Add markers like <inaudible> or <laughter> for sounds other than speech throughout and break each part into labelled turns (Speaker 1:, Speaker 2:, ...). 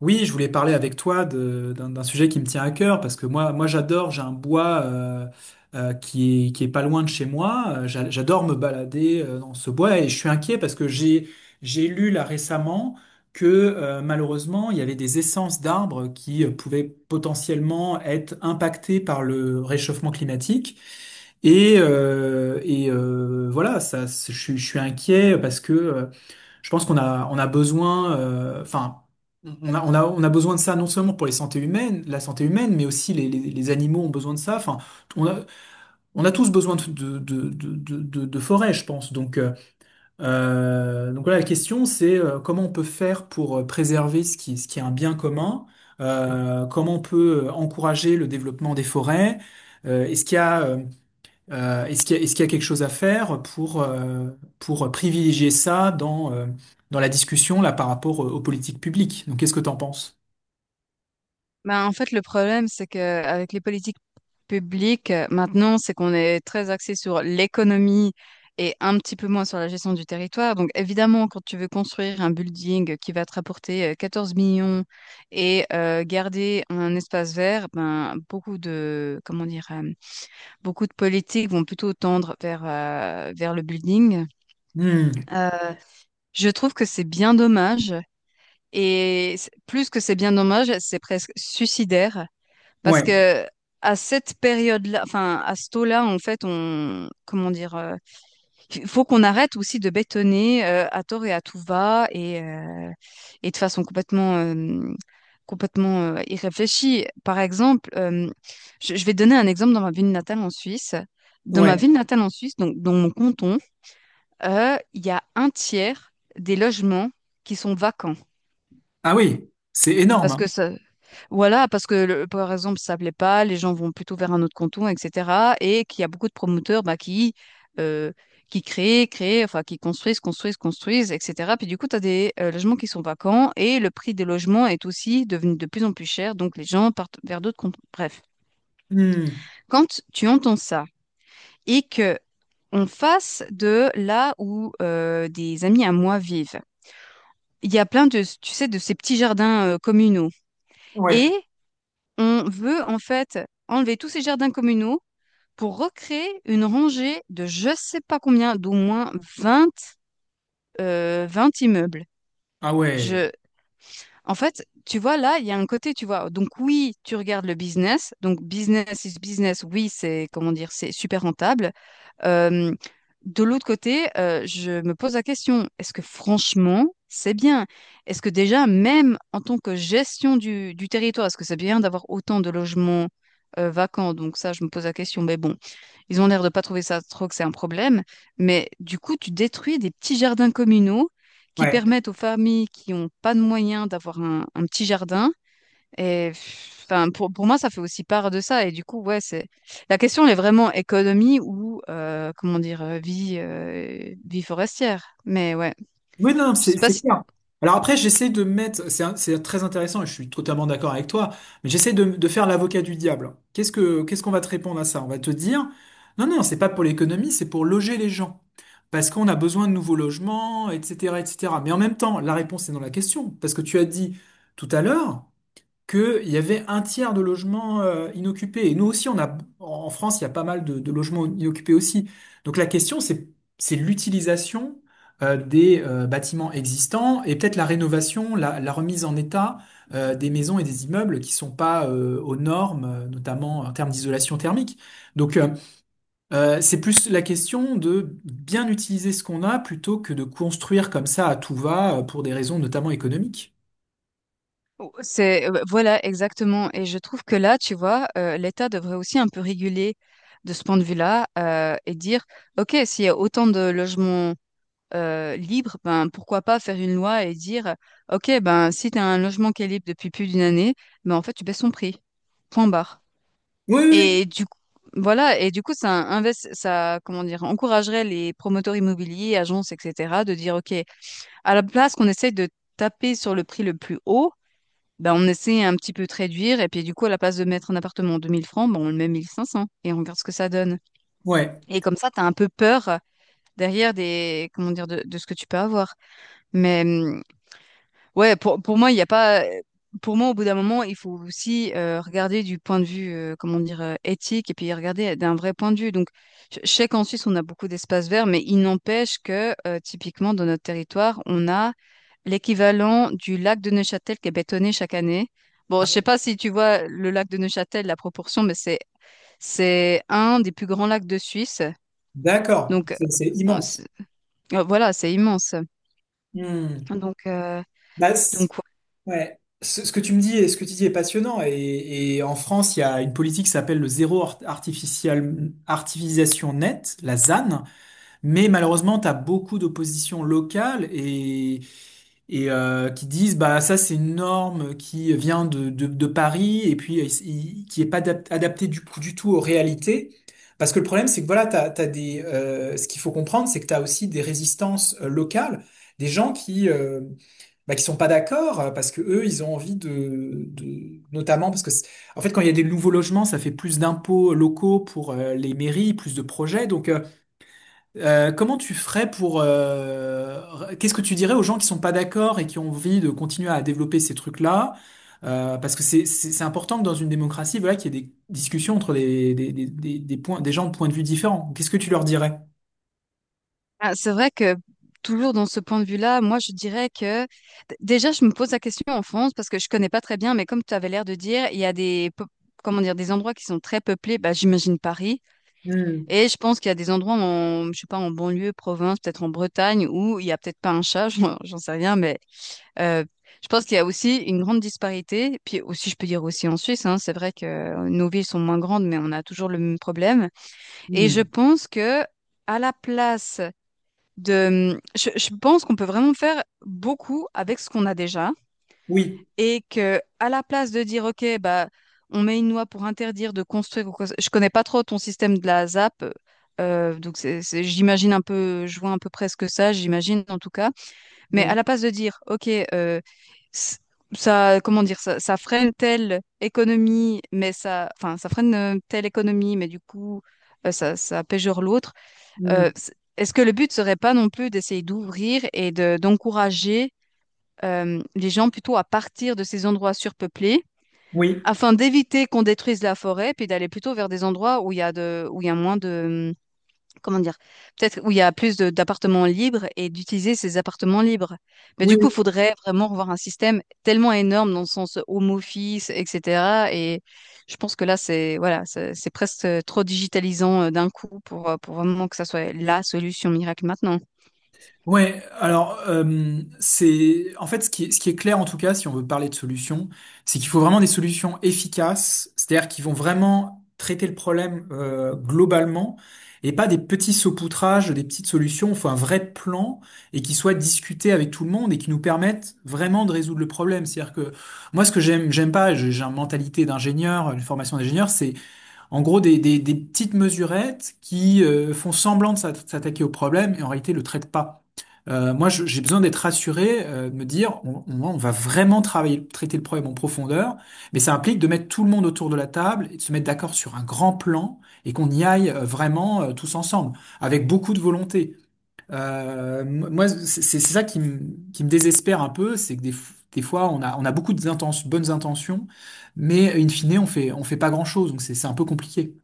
Speaker 1: Oui, je voulais parler avec toi d'un sujet qui me tient à cœur parce que moi, moi j'adore, j'ai un bois qui est, pas loin de chez moi. J'adore me balader dans ce bois et je suis inquiet parce que j'ai lu là récemment que malheureusement il y avait des essences d'arbres qui pouvaient potentiellement être impactées par le réchauffement climatique. Voilà, ça, je suis inquiet parce que je pense qu'on a, on a besoin, enfin, on a, besoin de ça non seulement pour les santé humaines, la santé humaine, mais aussi les animaux ont besoin de ça. Enfin, on a, on a tous besoin de forêt, je pense. Donc, voilà, la question, c'est comment on peut faire pour préserver ce qui, est un bien commun, comment on peut encourager le développement des forêts. Est-ce qu'il y a est-ce qu'il y a, est-ce qu'il y a quelque chose à faire pour privilégier ça dans la discussion là par rapport aux politiques publiques? Donc, qu'est-ce que t'en penses?
Speaker 2: Ben, en fait, le problème, c'est que avec les politiques publiques, maintenant, c'est qu'on est très axé sur l'économie et un petit peu moins sur la gestion du territoire. Donc, évidemment, quand tu veux construire un building qui va te rapporter 14 millions et garder un espace vert, ben, comment dire, beaucoup de politiques vont plutôt tendre vers le building.
Speaker 1: Hmm.
Speaker 2: Euh, je trouve que c'est bien dommage. Et plus que c'est bien dommage, c'est presque suicidaire parce
Speaker 1: Ouais,
Speaker 2: que à cette période-là, enfin à ce taux-là, en fait, comment dire, il faut qu'on arrête aussi de bétonner à tort et à tout va et de façon complètement irréfléchie. Par exemple, je vais donner un exemple dans ma ville natale en Suisse. Dans ma
Speaker 1: ouais.
Speaker 2: ville natale en Suisse, donc dans mon canton, il y a un tiers des logements qui sont vacants
Speaker 1: Ah oui, c'est énorme.
Speaker 2: parce
Speaker 1: hein.
Speaker 2: que ça, voilà, parce que par exemple, ça plaît pas, les gens vont plutôt vers un autre canton, etc. Et qu'il y a beaucoup de promoteurs, bah, euh, enfin qui construisent, etc. Puis du coup, tu as des logements qui sont vacants et le prix des logements est aussi devenu de plus en plus cher, donc les gens partent vers d'autres cantons. Bref,
Speaker 1: Hmm.
Speaker 2: quand tu entends ça et que on fasse de là où des amis à moi vivent, il y a plein de ces petits jardins communaux. Et
Speaker 1: Ouais.
Speaker 2: on veut en fait enlever tous ces jardins communaux pour recréer une rangée de je sais pas combien, d'au moins 20, 20 immeubles.
Speaker 1: Ah ouais,
Speaker 2: Je, En fait, tu vois, là, il y a un côté, tu vois. Donc, oui, tu regardes le business. Donc, business is business. Oui, comment dire, c'est super rentable. Euh, de l'autre côté, je me pose la question, est-ce que franchement, c'est bien? Est-ce que déjà, même en tant que gestion du territoire, est-ce que c'est bien d'avoir autant de logements vacants? Donc, ça, je me pose la question. Mais bon, ils ont l'air de pas trouver ça trop que c'est un problème, mais du coup, tu détruis des petits jardins communaux qui
Speaker 1: ouais.
Speaker 2: permettent aux familles qui n'ont pas de moyens d'avoir un petit jardin. Et enfin, pour moi, ça fait aussi part de ça. Et du coup, ouais, c'est la question, elle est vraiment économie ou comment dire vie forestière. Mais ouais,
Speaker 1: Oui, non, non,
Speaker 2: je
Speaker 1: c'est
Speaker 2: sais pas
Speaker 1: c'est
Speaker 2: si
Speaker 1: clair. Alors après, j'essaie de mettre, c'est très intéressant et je suis totalement d'accord avec toi, mais j'essaie de faire l'avocat du diable. Qu'est-ce qu'on va te répondre à ça? On va te dire, non, non, c'est pas pour l'économie, c'est pour loger les gens. Parce qu'on a besoin de nouveaux logements, etc., etc. Mais en même temps, la réponse est dans la question. Parce que tu as dit tout à l'heure, qu'il y avait un tiers de logements inoccupés. Et nous aussi, on a, en France, il y a pas mal de logements inoccupés aussi. Donc la question, c'est, l'utilisation des bâtiments existants et peut-être la rénovation, la remise en état des maisons et des immeubles qui sont pas aux normes, notamment en termes d'isolation thermique. Donc, c'est plus la question de bien utiliser ce qu'on a plutôt que de construire comme ça à tout va pour des raisons notamment économiques.
Speaker 2: oh, c'est voilà exactement. Et je trouve que là, tu vois, l'État devrait aussi un peu réguler de ce point de vue-là et dire, OK, s'il y a autant de logements libre, ben pourquoi pas faire une loi et dire, OK, ben si tu as un logement qui est libre depuis plus d'une année, ben en fait tu baisses son prix. Point barre.
Speaker 1: Oui, oui.
Speaker 2: Et du coup, voilà, et du coup ça comment dire, encouragerait les promoteurs immobiliers, agences, etc. de dire OK, à la place qu'on essaye de taper sur le prix le plus haut, ben on essaie un petit peu de réduire et puis du coup, à la place de mettre un appartement en 2000 francs, ben on le met 1500 et on regarde ce que ça donne.
Speaker 1: Oui.
Speaker 2: Et comme ça, tu as un peu peur derrière des, comment dire, de ce que tu peux avoir. Mais ouais, pour moi, il n'y a pas. Pour moi, au bout d'un moment, il faut aussi regarder du point de vue, comment dire, éthique, et puis regarder d'un vrai point de vue. Donc, je sais qu'en Suisse, on a beaucoup d'espaces verts, mais il n'empêche que, typiquement, dans notre territoire, on a l'équivalent du lac de Neuchâtel qui est bétonné chaque année. Bon, je sais
Speaker 1: Ouais.
Speaker 2: pas si tu vois le lac de Neuchâtel, la proportion, mais c'est un des plus grands lacs de Suisse.
Speaker 1: D'accord,
Speaker 2: Donc,
Speaker 1: c'est
Speaker 2: on s-
Speaker 1: immense.
Speaker 2: voilà, c'est immense.
Speaker 1: Hmm.
Speaker 2: Donc,
Speaker 1: Bah,
Speaker 2: donc
Speaker 1: ouais. Ce que tu me dis et ce que tu dis est passionnant. Et en France, il y a une politique qui s'appelle le zéro artificialisation nette, la ZAN. Mais malheureusement, tu as beaucoup d'oppositions locales et qui disent bah ça c'est une norme qui vient de Paris et puis qui est pas adaptée du coup du tout aux réalités. Parce que le problème c'est que voilà, ce qu'il faut comprendre c'est que tu as aussi des résistances locales, des gens qui bah, qui sont pas d'accord parce que eux ils ont envie de notamment parce que en fait quand il y a des nouveaux logements ça fait plus d'impôts locaux pour les mairies, plus de projets donc comment tu ferais pour... qu'est-ce que tu dirais aux gens qui sont pas d'accord et qui ont envie de continuer à développer ces trucs-là? Parce que c'est important que dans une démocratie, voilà, qu'il y ait des discussions entre des gens de points de vue différents. Qu'est-ce que tu leur dirais?
Speaker 2: ah, c'est vrai que toujours dans ce point de vue-là, moi je dirais que déjà je me pose la question en France parce que je connais pas très bien, mais comme tu avais l'air de dire, il y a comment dire des endroits qui sont très peuplés, bah j'imagine Paris,
Speaker 1: Hmm,
Speaker 2: et je pense qu'il y a des endroits en je sais pas en banlieue, province, peut-être en Bretagne où il y a peut-être pas un chat, <laughs> j'en sais rien, mais euh, je pense qu'il y a aussi une grande disparité. Puis aussi je peux dire aussi en Suisse, hein, c'est vrai que nos villes sont moins grandes, mais on a toujours le même problème. Et je
Speaker 1: hmm.
Speaker 2: pense que à la place je pense qu'on peut vraiment faire beaucoup avec ce qu'on a déjà
Speaker 1: Oui.
Speaker 2: et que à la place de dire OK, bah, on met une loi pour interdire de construire je connais pas trop ton système de la ZAP, donc j'imagine un peu, je vois à peu près ce que ça, j'imagine en tout cas, mais
Speaker 1: Hmm,
Speaker 2: à la place de dire OK, c- ça comment dire, ça freine telle économie, mais ça enfin ça freine telle économie, mais du coup ça pégeure l'autre,
Speaker 1: hmm.
Speaker 2: est-ce que le but serait pas non plus d'essayer d'ouvrir et de, d'encourager les gens plutôt à partir de ces endroits surpeuplés
Speaker 1: Oui,
Speaker 2: afin d'éviter qu'on détruise la forêt, puis d'aller plutôt vers des endroits où il y a de, où il y a moins de, comment dire, peut-être où il y a plus d'appartements libres et d'utiliser ces appartements libres. Mais
Speaker 1: oui.
Speaker 2: du coup, il faudrait vraiment revoir un système tellement énorme dans le sens home office, etc. Et je pense que là, c'est voilà, c'est presque trop digitalisant d'un coup pour vraiment que ça soit la solution miracle maintenant.
Speaker 1: Ouais, alors c'est en fait ce qui est, clair en tout cas si on veut parler de solutions, c'est qu'il faut vraiment des solutions efficaces, c'est-à-dire qui vont vraiment traiter le problème globalement et pas des petits saupoutrages, des petites solutions. Il faut un vrai plan et qui soit discuté avec tout le monde et qui nous permette vraiment de résoudre le problème. C'est-à-dire que moi ce que j'aime pas, j'ai une mentalité d'ingénieur, une formation d'ingénieur, c'est en gros, des petites mesurettes qui font semblant de s'attaquer au problème et en réalité le traitent pas. Moi, j'ai besoin d'être rassuré, de me dire, on va vraiment travailler, traiter le problème en profondeur, mais ça implique de mettre tout le monde autour de la table et de se mettre d'accord sur un grand plan et qu'on y aille vraiment tous ensemble, avec beaucoup de volonté. Moi, c'est ça qui me désespère un peu, c'est que des fois, on a beaucoup de bonnes intentions, mais in fine, on fait pas grand-chose, donc c'est un peu compliqué.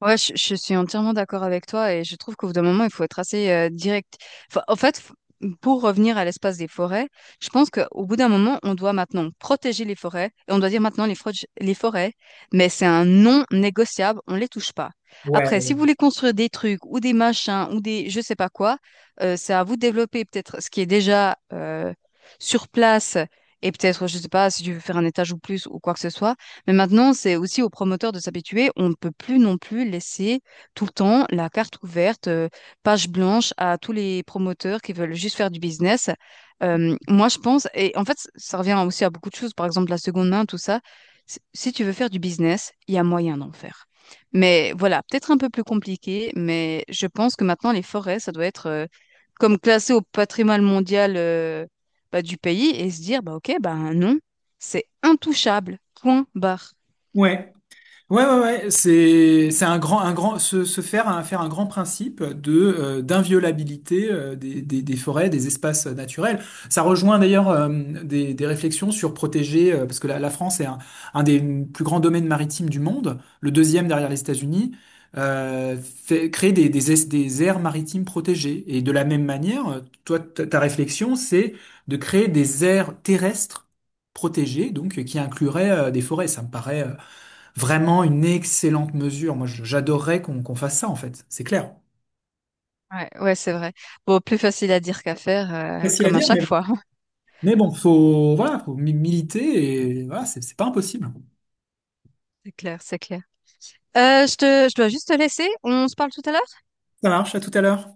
Speaker 2: Ouais, je suis entièrement d'accord avec toi et je trouve qu'au bout d'un moment, il faut être assez direct. Enfin, en fait, pour revenir à l'espace des forêts, je pense qu'au bout d'un moment, on doit maintenant protéger les forêts et on doit dire maintenant les forêts, mais c'est un non négociable, on les touche pas. Après,
Speaker 1: Ouais,
Speaker 2: si vous voulez construire des trucs ou des machins ou des je sais pas quoi, c'est à vous de développer peut-être ce qui est déjà sur place et peut-être, je sais pas, si tu veux faire un étage ou plus ou quoi que ce soit. Mais maintenant, c'est aussi aux promoteurs de s'habituer. On ne peut plus non plus laisser tout le temps la carte ouverte, page blanche à tous les promoteurs qui veulent juste faire du business. Moi, je pense, et en fait, ça revient aussi à beaucoup de choses, par exemple la seconde main, tout ça. Si tu veux faire du business, il y a moyen d'en faire. Mais voilà, peut-être un peu plus compliqué, mais je pense que maintenant, les forêts, ça doit être comme classé au patrimoine mondial, bah, du pays, et se dire, bah, OK, bah, non, c'est intouchable. Point barre.
Speaker 1: ouais. Ouais, ouais, ouais, c'est un grand se faire un grand principe de d'inviolabilité des forêts, des espaces naturels. Ça rejoint d'ailleurs des réflexions sur protéger parce que la France est un des plus grands domaines maritimes du monde, le deuxième derrière les États-Unis. Euh, Créer des aires maritimes protégées. Et de la même manière, toi, ta réflexion, c'est de créer des aires terrestres protégées, donc qui incluraient des forêts. Ça me paraît vraiment une excellente mesure. Moi, j'adorerais qu'on fasse ça, en fait. C'est clair.
Speaker 2: Ouais, ouais, c'est vrai. Bon, plus facile à dire qu'à faire,
Speaker 1: Facile à
Speaker 2: comme à
Speaker 1: dire, mais,
Speaker 2: chaque fois. <laughs>
Speaker 1: mais bon, faut, voilà, faut militer et voilà, c'est pas impossible.
Speaker 2: C'est clair, c'est clair. Je dois juste te laisser. On se parle tout à l'heure?
Speaker 1: Ça marche, à tout à l'heure.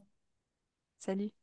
Speaker 2: Salut.